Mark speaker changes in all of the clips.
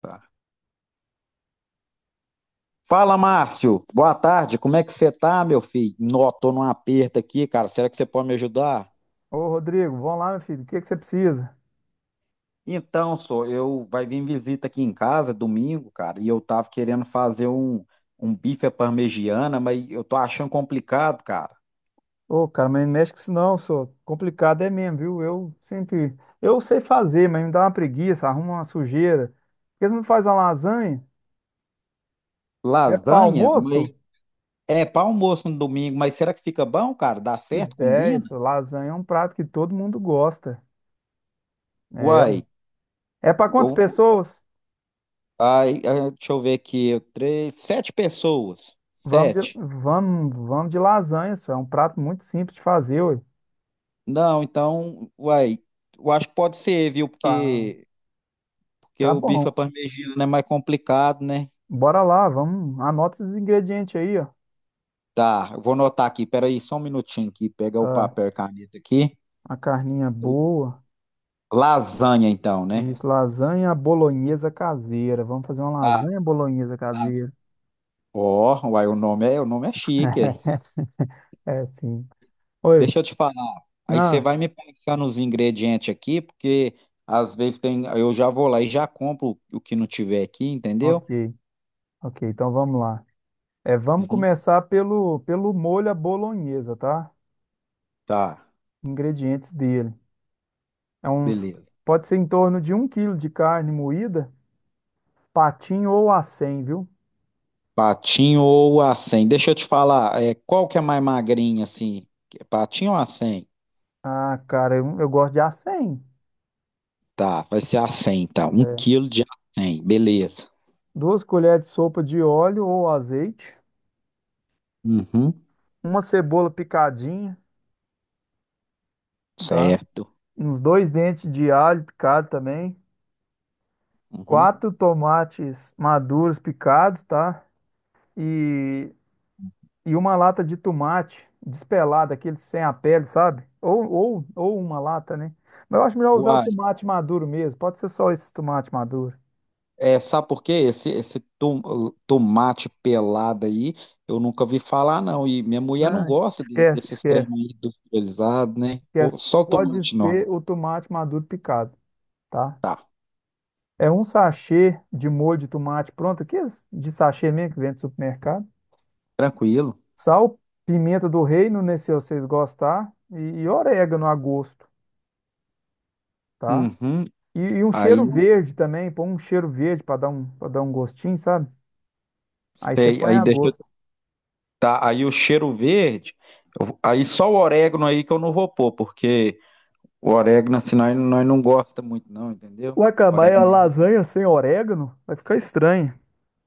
Speaker 1: Tá. Fala, Márcio. Boa tarde. Como é que você tá, meu filho? Nó, tô num aperto aqui, cara. Será que você pode me ajudar?
Speaker 2: Ô, Rodrigo, vamos lá, meu filho. O que é que você precisa?
Speaker 1: Então, só eu vai vir visita aqui em casa domingo, cara, e eu tava querendo fazer um bife à parmegiana, mas eu tô achando complicado, cara.
Speaker 2: Ô, cara, mas não mexe com isso não, só. Complicado é mesmo, viu? Eu sempre. Eu sei fazer, mas me dá uma preguiça, arruma uma sujeira. Por que você não faz uma lasanha? É para
Speaker 1: Lasanha, mas
Speaker 2: almoço?
Speaker 1: é para almoço no domingo, mas será que fica bom, cara? Dá
Speaker 2: Que
Speaker 1: certo?
Speaker 2: ideia,
Speaker 1: Combina?
Speaker 2: só. Lasanha é um prato que todo mundo gosta. É,
Speaker 1: Uai,
Speaker 2: ué. É para quantas
Speaker 1: eu,
Speaker 2: pessoas?
Speaker 1: ai, ai, deixa eu ver aqui. Três, sete pessoas.
Speaker 2: Vamos de,
Speaker 1: Sete.
Speaker 2: vamos, vamos de lasanha, só. É um prato muito simples de fazer, ué.
Speaker 1: Não, então, uai, eu acho que pode ser, viu?
Speaker 2: Tá,
Speaker 1: Porque
Speaker 2: tá
Speaker 1: o bife à
Speaker 2: bom.
Speaker 1: parmegiana é mais complicado, né?
Speaker 2: Bora lá, vamos. Anota esses ingredientes aí, ó.
Speaker 1: Tá, eu vou anotar aqui, peraí, só um minutinho aqui, pegar o
Speaker 2: Tá,
Speaker 1: papel e caneta aqui.
Speaker 2: uma carninha boa.
Speaker 1: Lasanha, então, né?
Speaker 2: Isso, lasanha bolonhesa caseira. Vamos fazer uma
Speaker 1: Tá,
Speaker 2: lasanha bolonhesa
Speaker 1: tá.
Speaker 2: caseira.
Speaker 1: Ó, uai, o nome é chique. Aí.
Speaker 2: É, sim. Oi.
Speaker 1: Deixa eu te falar. Aí você
Speaker 2: Ah,
Speaker 1: vai me passar nos ingredientes aqui, porque às vezes tem, eu já vou lá e já compro o que não tiver aqui, entendeu?
Speaker 2: ok. Ok, então vamos lá. É, vamos
Speaker 1: Uhum.
Speaker 2: começar pelo molho à bolonhesa, tá?
Speaker 1: Tá,
Speaker 2: Ingredientes dele. É uns,
Speaker 1: beleza.
Speaker 2: pode ser em torno de um quilo de carne moída, patinho ou acém, viu?
Speaker 1: Patinho ou acém? Deixa eu te falar, é, qual que é mais magrinha, assim? Patinho ou acém?
Speaker 2: Ah, cara, eu gosto de acém.
Speaker 1: Tá, vai ser acém, então. Um
Speaker 2: É.
Speaker 1: quilo de acém, beleza.
Speaker 2: Duas colheres de sopa de óleo ou azeite,
Speaker 1: Uhum,
Speaker 2: uma cebola picadinha, tá?
Speaker 1: certo.
Speaker 2: Uns dois dentes de alho picado também,
Speaker 1: Uhum.
Speaker 2: quatro tomates maduros picados, tá? E, e uma lata de tomate despelado, aquele sem a pele, sabe? Ou uma lata, né? Mas eu acho melhor usar o
Speaker 1: Uai,
Speaker 2: tomate maduro mesmo. Pode ser só esse tomate maduro.
Speaker 1: é, sabe por quê? Esse tomate pelado aí, eu nunca vi falar, não. E minha mulher não
Speaker 2: Não,
Speaker 1: gosta desses trem aí industrializados, né?
Speaker 2: esquece.
Speaker 1: Pô, só o
Speaker 2: Pode
Speaker 1: tomate normal.
Speaker 2: ser o tomate maduro picado, tá?
Speaker 1: Tá,
Speaker 2: É um sachê de molho de tomate pronto, aqui de sachê mesmo que vem do supermercado.
Speaker 1: tranquilo.
Speaker 2: Sal, pimenta do reino, né, se vocês gostar, e orégano a gosto, tá?
Speaker 1: Uhum.
Speaker 2: E um
Speaker 1: Aí,
Speaker 2: cheiro
Speaker 1: eu
Speaker 2: verde também, põe um cheiro verde para dar um gostinho, sabe? Aí você
Speaker 1: sei,
Speaker 2: põe
Speaker 1: aí
Speaker 2: a
Speaker 1: deixa
Speaker 2: gosto.
Speaker 1: tá? Aí o cheiro verde, aí só o orégano aí que eu não vou pôr, porque o orégano assim nós não gosta muito não, entendeu?
Speaker 2: Ué, cara,
Speaker 1: O
Speaker 2: mas a
Speaker 1: orégano
Speaker 2: lasanha sem orégano vai ficar estranho.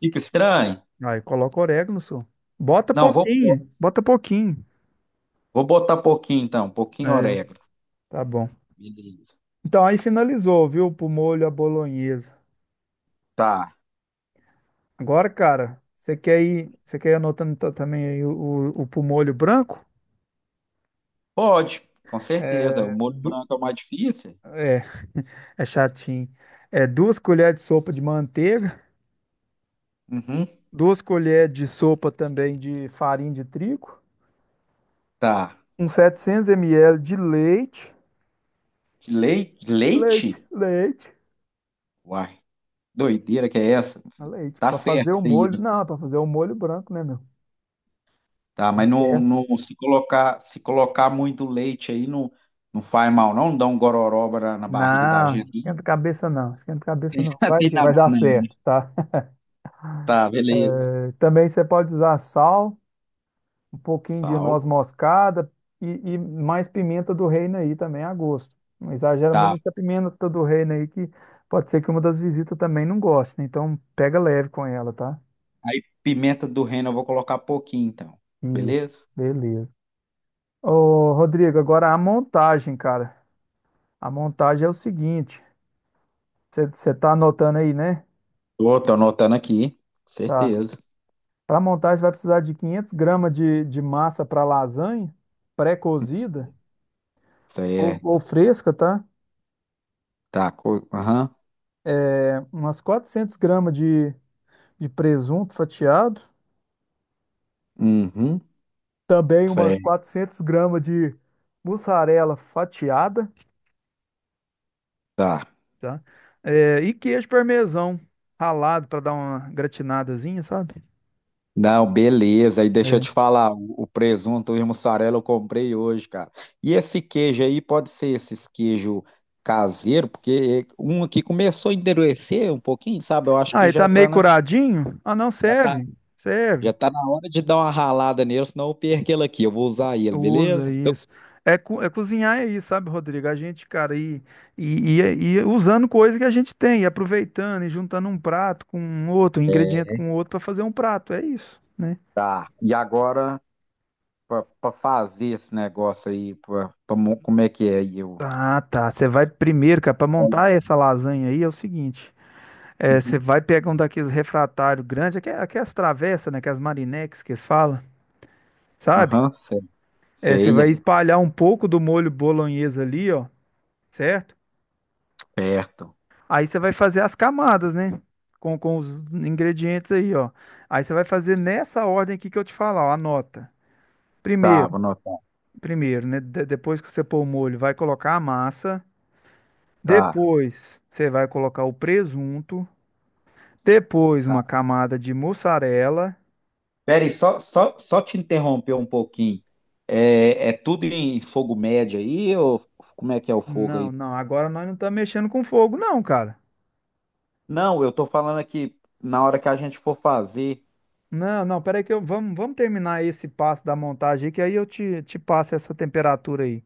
Speaker 1: fica estranho.
Speaker 2: Aí coloca orégano, só. Bota
Speaker 1: Não, vou pôr.
Speaker 2: pouquinho, bota pouquinho.
Speaker 1: Vou botar pouquinho então, pouquinho
Speaker 2: É,
Speaker 1: orégano.
Speaker 2: tá bom.
Speaker 1: Beleza.
Speaker 2: Então aí finalizou, viu? Pro molho à bolonhesa.
Speaker 1: Tá.
Speaker 2: Agora, cara, você quer ir anotando ta- também aí o pro molho branco?
Speaker 1: Pode, com certeza. O
Speaker 2: É,
Speaker 1: molho
Speaker 2: du-
Speaker 1: branco é o mais difícil.
Speaker 2: é, é chatinho. É duas colheres de sopa de manteiga,
Speaker 1: Uhum.
Speaker 2: duas colheres de sopa também de farinha de trigo,
Speaker 1: Tá.
Speaker 2: uns 700 ml de leite,
Speaker 1: De leite?
Speaker 2: leite,
Speaker 1: Leite?
Speaker 2: leite,
Speaker 1: Uai, doideira que é essa?
Speaker 2: Ah, leite,
Speaker 1: Tá
Speaker 2: para fazer
Speaker 1: certo,
Speaker 2: o molho.
Speaker 1: filho.
Speaker 2: Não, para fazer o molho branco, né, meu?
Speaker 1: Tá?
Speaker 2: Tá
Speaker 1: Mas não,
Speaker 2: certo.
Speaker 1: se colocar muito leite aí, não, não faz mal, não? Não dá um gororoba na barriga da
Speaker 2: Não,
Speaker 1: gente.
Speaker 2: esquenta a cabeça não, esquenta a cabeça não. Vai
Speaker 1: Tem
Speaker 2: que
Speaker 1: nada
Speaker 2: vai
Speaker 1: disso,
Speaker 2: dar
Speaker 1: não.
Speaker 2: certo, tá?
Speaker 1: Tá, beleza.
Speaker 2: É, também você pode usar sal, um pouquinho de
Speaker 1: Sal,
Speaker 2: noz moscada e, e mais pimenta do reino aí também a gosto. Não exagera muito
Speaker 1: tá.
Speaker 2: nessa pimenta do reino aí que pode ser que uma das visitas também não goste, né? Então pega leve com ela, tá?
Speaker 1: Aí pimenta do reino eu vou colocar pouquinho, então.
Speaker 2: Isso,
Speaker 1: Beleza?
Speaker 2: beleza. Ô, Rodrigo, agora a montagem, cara. A montagem é o seguinte, você tá anotando aí, né?
Speaker 1: Tô anotando aqui.
Speaker 2: Tá.
Speaker 1: Certeza.
Speaker 2: Para montagem vai precisar de 500 gramas de massa para lasanha, pré-cozida
Speaker 1: Isso aí é.
Speaker 2: ou fresca, tá?
Speaker 1: Tá, aham.
Speaker 2: É, umas 400 gramas de presunto fatiado,
Speaker 1: Uhum.
Speaker 2: também
Speaker 1: Isso aí,
Speaker 2: umas 400 gramas de mussarela fatiada,
Speaker 1: tá.
Speaker 2: tá? É, e queijo parmesão ralado para dar uma gratinadazinha, sabe?
Speaker 1: Não, beleza. E deixa eu
Speaker 2: É.
Speaker 1: te falar, o presunto e mussarela eu comprei hoje, cara. E esse queijo aí pode ser esses queijo caseiro, porque um aqui começou a endurecer um pouquinho, sabe? Eu acho que
Speaker 2: Aí tá meio curadinho? Ah, não,
Speaker 1: já tá,
Speaker 2: serve.
Speaker 1: já tá na hora de dar uma ralada nele, senão eu perco ele aqui. Eu vou usar ele,
Speaker 2: Usa
Speaker 1: beleza?
Speaker 2: isso. É, co- é cozinhar é isso, sabe, Rodrigo? A gente, cara, e usando coisa que a gente tem, e aproveitando e juntando um prato com um outro, um ingrediente com outro para fazer um prato, é isso, né?
Speaker 1: Tá. E agora, pra fazer esse negócio aí, como é que é aí? Eu...
Speaker 2: Ah, tá. Você vai primeiro, cara, para montar essa lasanha aí é o seguinte. É, você
Speaker 1: Uhum.
Speaker 2: vai pegar um daqueles refratários grandes, aque- aquelas travessas, né? Aquelas marinex que eles falam, sabe?
Speaker 1: Aham,
Speaker 2: É, você
Speaker 1: feia,
Speaker 2: vai espalhar um pouco do molho bolonhesa ali, ó, certo?
Speaker 1: certo.
Speaker 2: Aí você vai fazer as camadas, né? Com os ingredientes aí, ó. Aí você vai fazer nessa ordem aqui que eu te falar, ó, anota.
Speaker 1: Tá,
Speaker 2: Primeiro,
Speaker 1: vou anotar.
Speaker 2: né? De- depois que você pôr o molho, vai colocar a massa.
Speaker 1: Tá.
Speaker 2: Depois, você vai colocar o presunto. Depois uma camada de mussarela.
Speaker 1: Peraí, só te interromper um pouquinho. É tudo em fogo médio aí, ou como é que é o fogo
Speaker 2: Não,
Speaker 1: aí?
Speaker 2: não, agora nós não estamos mexendo com fogo, não, cara.
Speaker 1: Não, eu tô falando aqui na hora que a gente for fazer.
Speaker 2: Não, não, peraí que eu, vamos terminar esse passo da montagem aí, que aí eu te passo essa temperatura aí,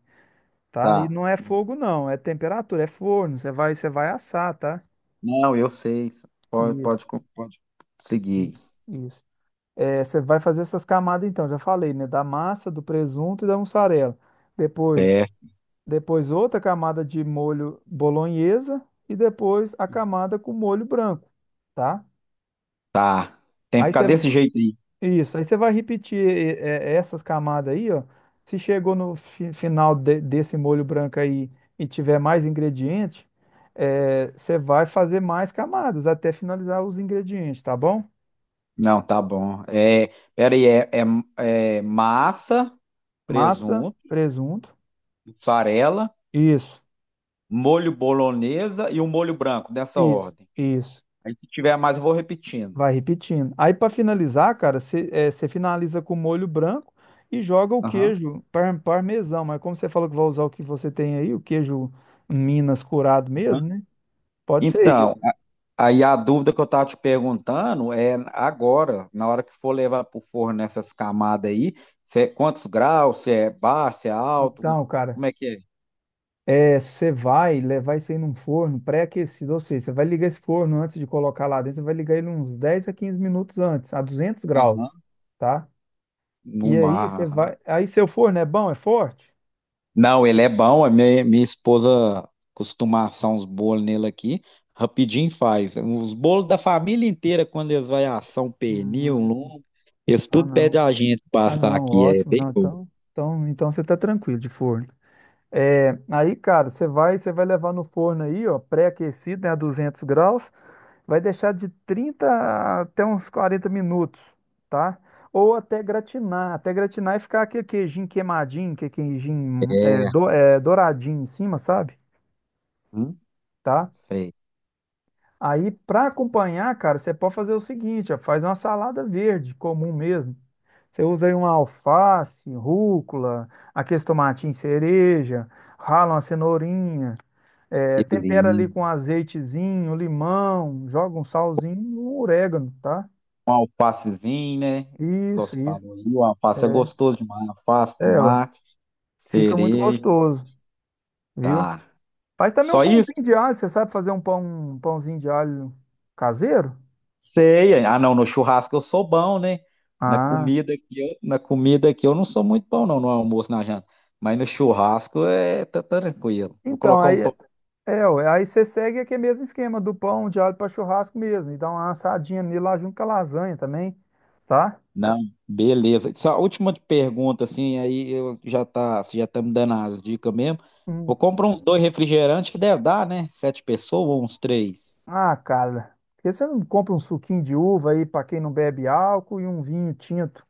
Speaker 2: tá? E
Speaker 1: Tá.
Speaker 2: não é fogo, não, é temperatura, é forno, você vai assar, tá?
Speaker 1: Não, eu sei. Pode,
Speaker 2: Isso,
Speaker 1: pode, co- pode seguir.
Speaker 2: isso. É, você vai fazer essas camadas então, já falei, né? Da massa, do presunto e da mussarela. Depois,
Speaker 1: É,
Speaker 2: depois outra camada de molho bolonhesa e depois a camada com molho branco, tá?
Speaker 1: tá. Tem que
Speaker 2: Aí
Speaker 1: ficar
Speaker 2: você,
Speaker 1: desse jeito aí.
Speaker 2: isso, aí você vai repetir e- é, essas camadas aí, ó. Se chegou no fi- final de- desse molho branco aí e tiver mais ingrediente, é, você vai fazer mais camadas até finalizar os ingredientes, tá bom? Beleza.
Speaker 1: Não, tá bom. É, peraí, é massa,
Speaker 2: Massa,
Speaker 1: presunto,
Speaker 2: presunto,
Speaker 1: mussarela,
Speaker 2: isso,
Speaker 1: molho bolonhesa e o molho branco, dessa ordem.
Speaker 2: isso.
Speaker 1: Aí se tiver mais, eu vou repetindo.
Speaker 2: Vai repetindo. Aí para finalizar, cara, você finaliza com molho branco e joga o
Speaker 1: Aham.
Speaker 2: queijo par- parmesão. Mas como você falou que vai usar o que você tem aí, o queijo Minas curado mesmo, né? Pode ser.
Speaker 1: Então, aí a dúvida que eu estava te perguntando é agora, na hora que for levar para o forno essas camadas aí, se é quantos graus, se é baixo, se é alto,
Speaker 2: Então, cara,
Speaker 1: como é que é?
Speaker 2: é, você vai levar isso aí num forno pré-aquecido, ou seja, você vai ligar esse forno antes de colocar lá dentro, você vai ligar ele uns 10 a 15 minutos antes, a 200 graus,
Speaker 1: Aham.
Speaker 2: tá?
Speaker 1: No
Speaker 2: E
Speaker 1: mar.
Speaker 2: aí você
Speaker 1: Aham.
Speaker 2: vai, aí seu forno é bom, é forte?
Speaker 1: Não, ele é bom, a minha, minha esposa costuma assar uns bolos nele aqui, rapidinho faz. Os bolos da família inteira, quando eles vão assar um pernil,
Speaker 2: Ah,
Speaker 1: um lombo, eles
Speaker 2: ah,
Speaker 1: tudo pedem
Speaker 2: não.
Speaker 1: a gente
Speaker 2: Ah,
Speaker 1: passar
Speaker 2: não,
Speaker 1: aqui, é
Speaker 2: ótimo,
Speaker 1: bem
Speaker 2: não,
Speaker 1: bom.
Speaker 2: então você tá tranquilo de forno. É, aí, cara, você vai levar no forno aí, ó, pré-aquecido, né, a 200 graus, vai deixar de 30 até uns 40 minutos, tá? Ou até gratinar e ficar aquele queijinho queimadinho, que queijinho é, do- é, douradinho em cima, sabe?
Speaker 1: Hum,
Speaker 2: Tá?
Speaker 1: sei,
Speaker 2: Aí, para acompanhar, cara, você pode fazer o seguinte, ó, faz uma salada verde, comum mesmo. Você usa aí uma alface, rúcula, aqueles tomatinhos cereja, rala uma cenourinha, é, tempera ali
Speaker 1: beleza.
Speaker 2: com azeitezinho, limão, joga um salzinho, e um orégano, tá?
Speaker 1: Um alfacezinho, né? Igual você
Speaker 2: Isso.
Speaker 1: falou aí, o alface é gostoso demais. Alface,
Speaker 2: É, ó,
Speaker 1: tomate,
Speaker 2: fica muito
Speaker 1: cereja,
Speaker 2: gostoso, viu?
Speaker 1: tá.
Speaker 2: Faz também um
Speaker 1: Só isso?
Speaker 2: pãozinho de alho, você sabe fazer um pão, um pãozinho de alho caseiro?
Speaker 1: Sei. Ah, não, no churrasco eu sou bom, né? Na
Speaker 2: Ah,
Speaker 1: comida aqui, na comida aqui eu não sou muito bom, não, no almoço, na janta. Mas no churrasco é tá tranquilo. Vou
Speaker 2: então,
Speaker 1: colocar
Speaker 2: aí,
Speaker 1: um pão.
Speaker 2: é, ó, aí você segue aquele mesmo esquema do pão de alho para churrasco mesmo, e dá uma assadinha nele lá junto com a lasanha também, tá?
Speaker 1: Não, beleza. Só a última pergunta, assim, aí eu já tá, você já tá me dando as dicas mesmo.
Speaker 2: Hum.
Speaker 1: Vou comprar um dois refrigerantes que deve dar, né? Sete pessoas ou uns três?
Speaker 2: Ah, cara, por que você não compra um suquinho de uva aí para quem não bebe álcool e um vinho tinto?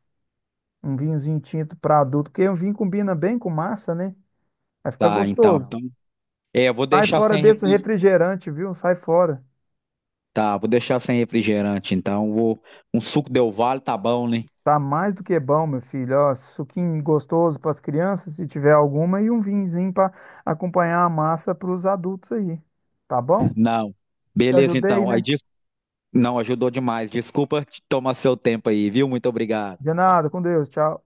Speaker 2: Um vinhozinho tinto para adulto, porque um vinho combina bem com massa, né? Vai ficar
Speaker 1: Tá, então.
Speaker 2: gostoso.
Speaker 1: É, eu vou
Speaker 2: Sai
Speaker 1: deixar
Speaker 2: fora
Speaker 1: sem
Speaker 2: desse
Speaker 1: refrigerante.
Speaker 2: refrigerante, viu? Sai fora.
Speaker 1: Tá, vou deixar sem refrigerante, então. Um suco Del Valle tá bom, né?
Speaker 2: Tá mais do que bom, meu filho. Ó, suquinho gostoso para as crianças, se tiver alguma, e um vinhozinho para acompanhar a massa para os adultos aí. Tá bom?
Speaker 1: Não.
Speaker 2: Te
Speaker 1: Beleza,
Speaker 2: ajudei,
Speaker 1: então.
Speaker 2: né?
Speaker 1: Aí,
Speaker 2: Então.
Speaker 1: não, ajudou demais. Desculpa te tomar seu tempo aí, viu? Muito obrigado.
Speaker 2: De nada, com Deus. Tchau.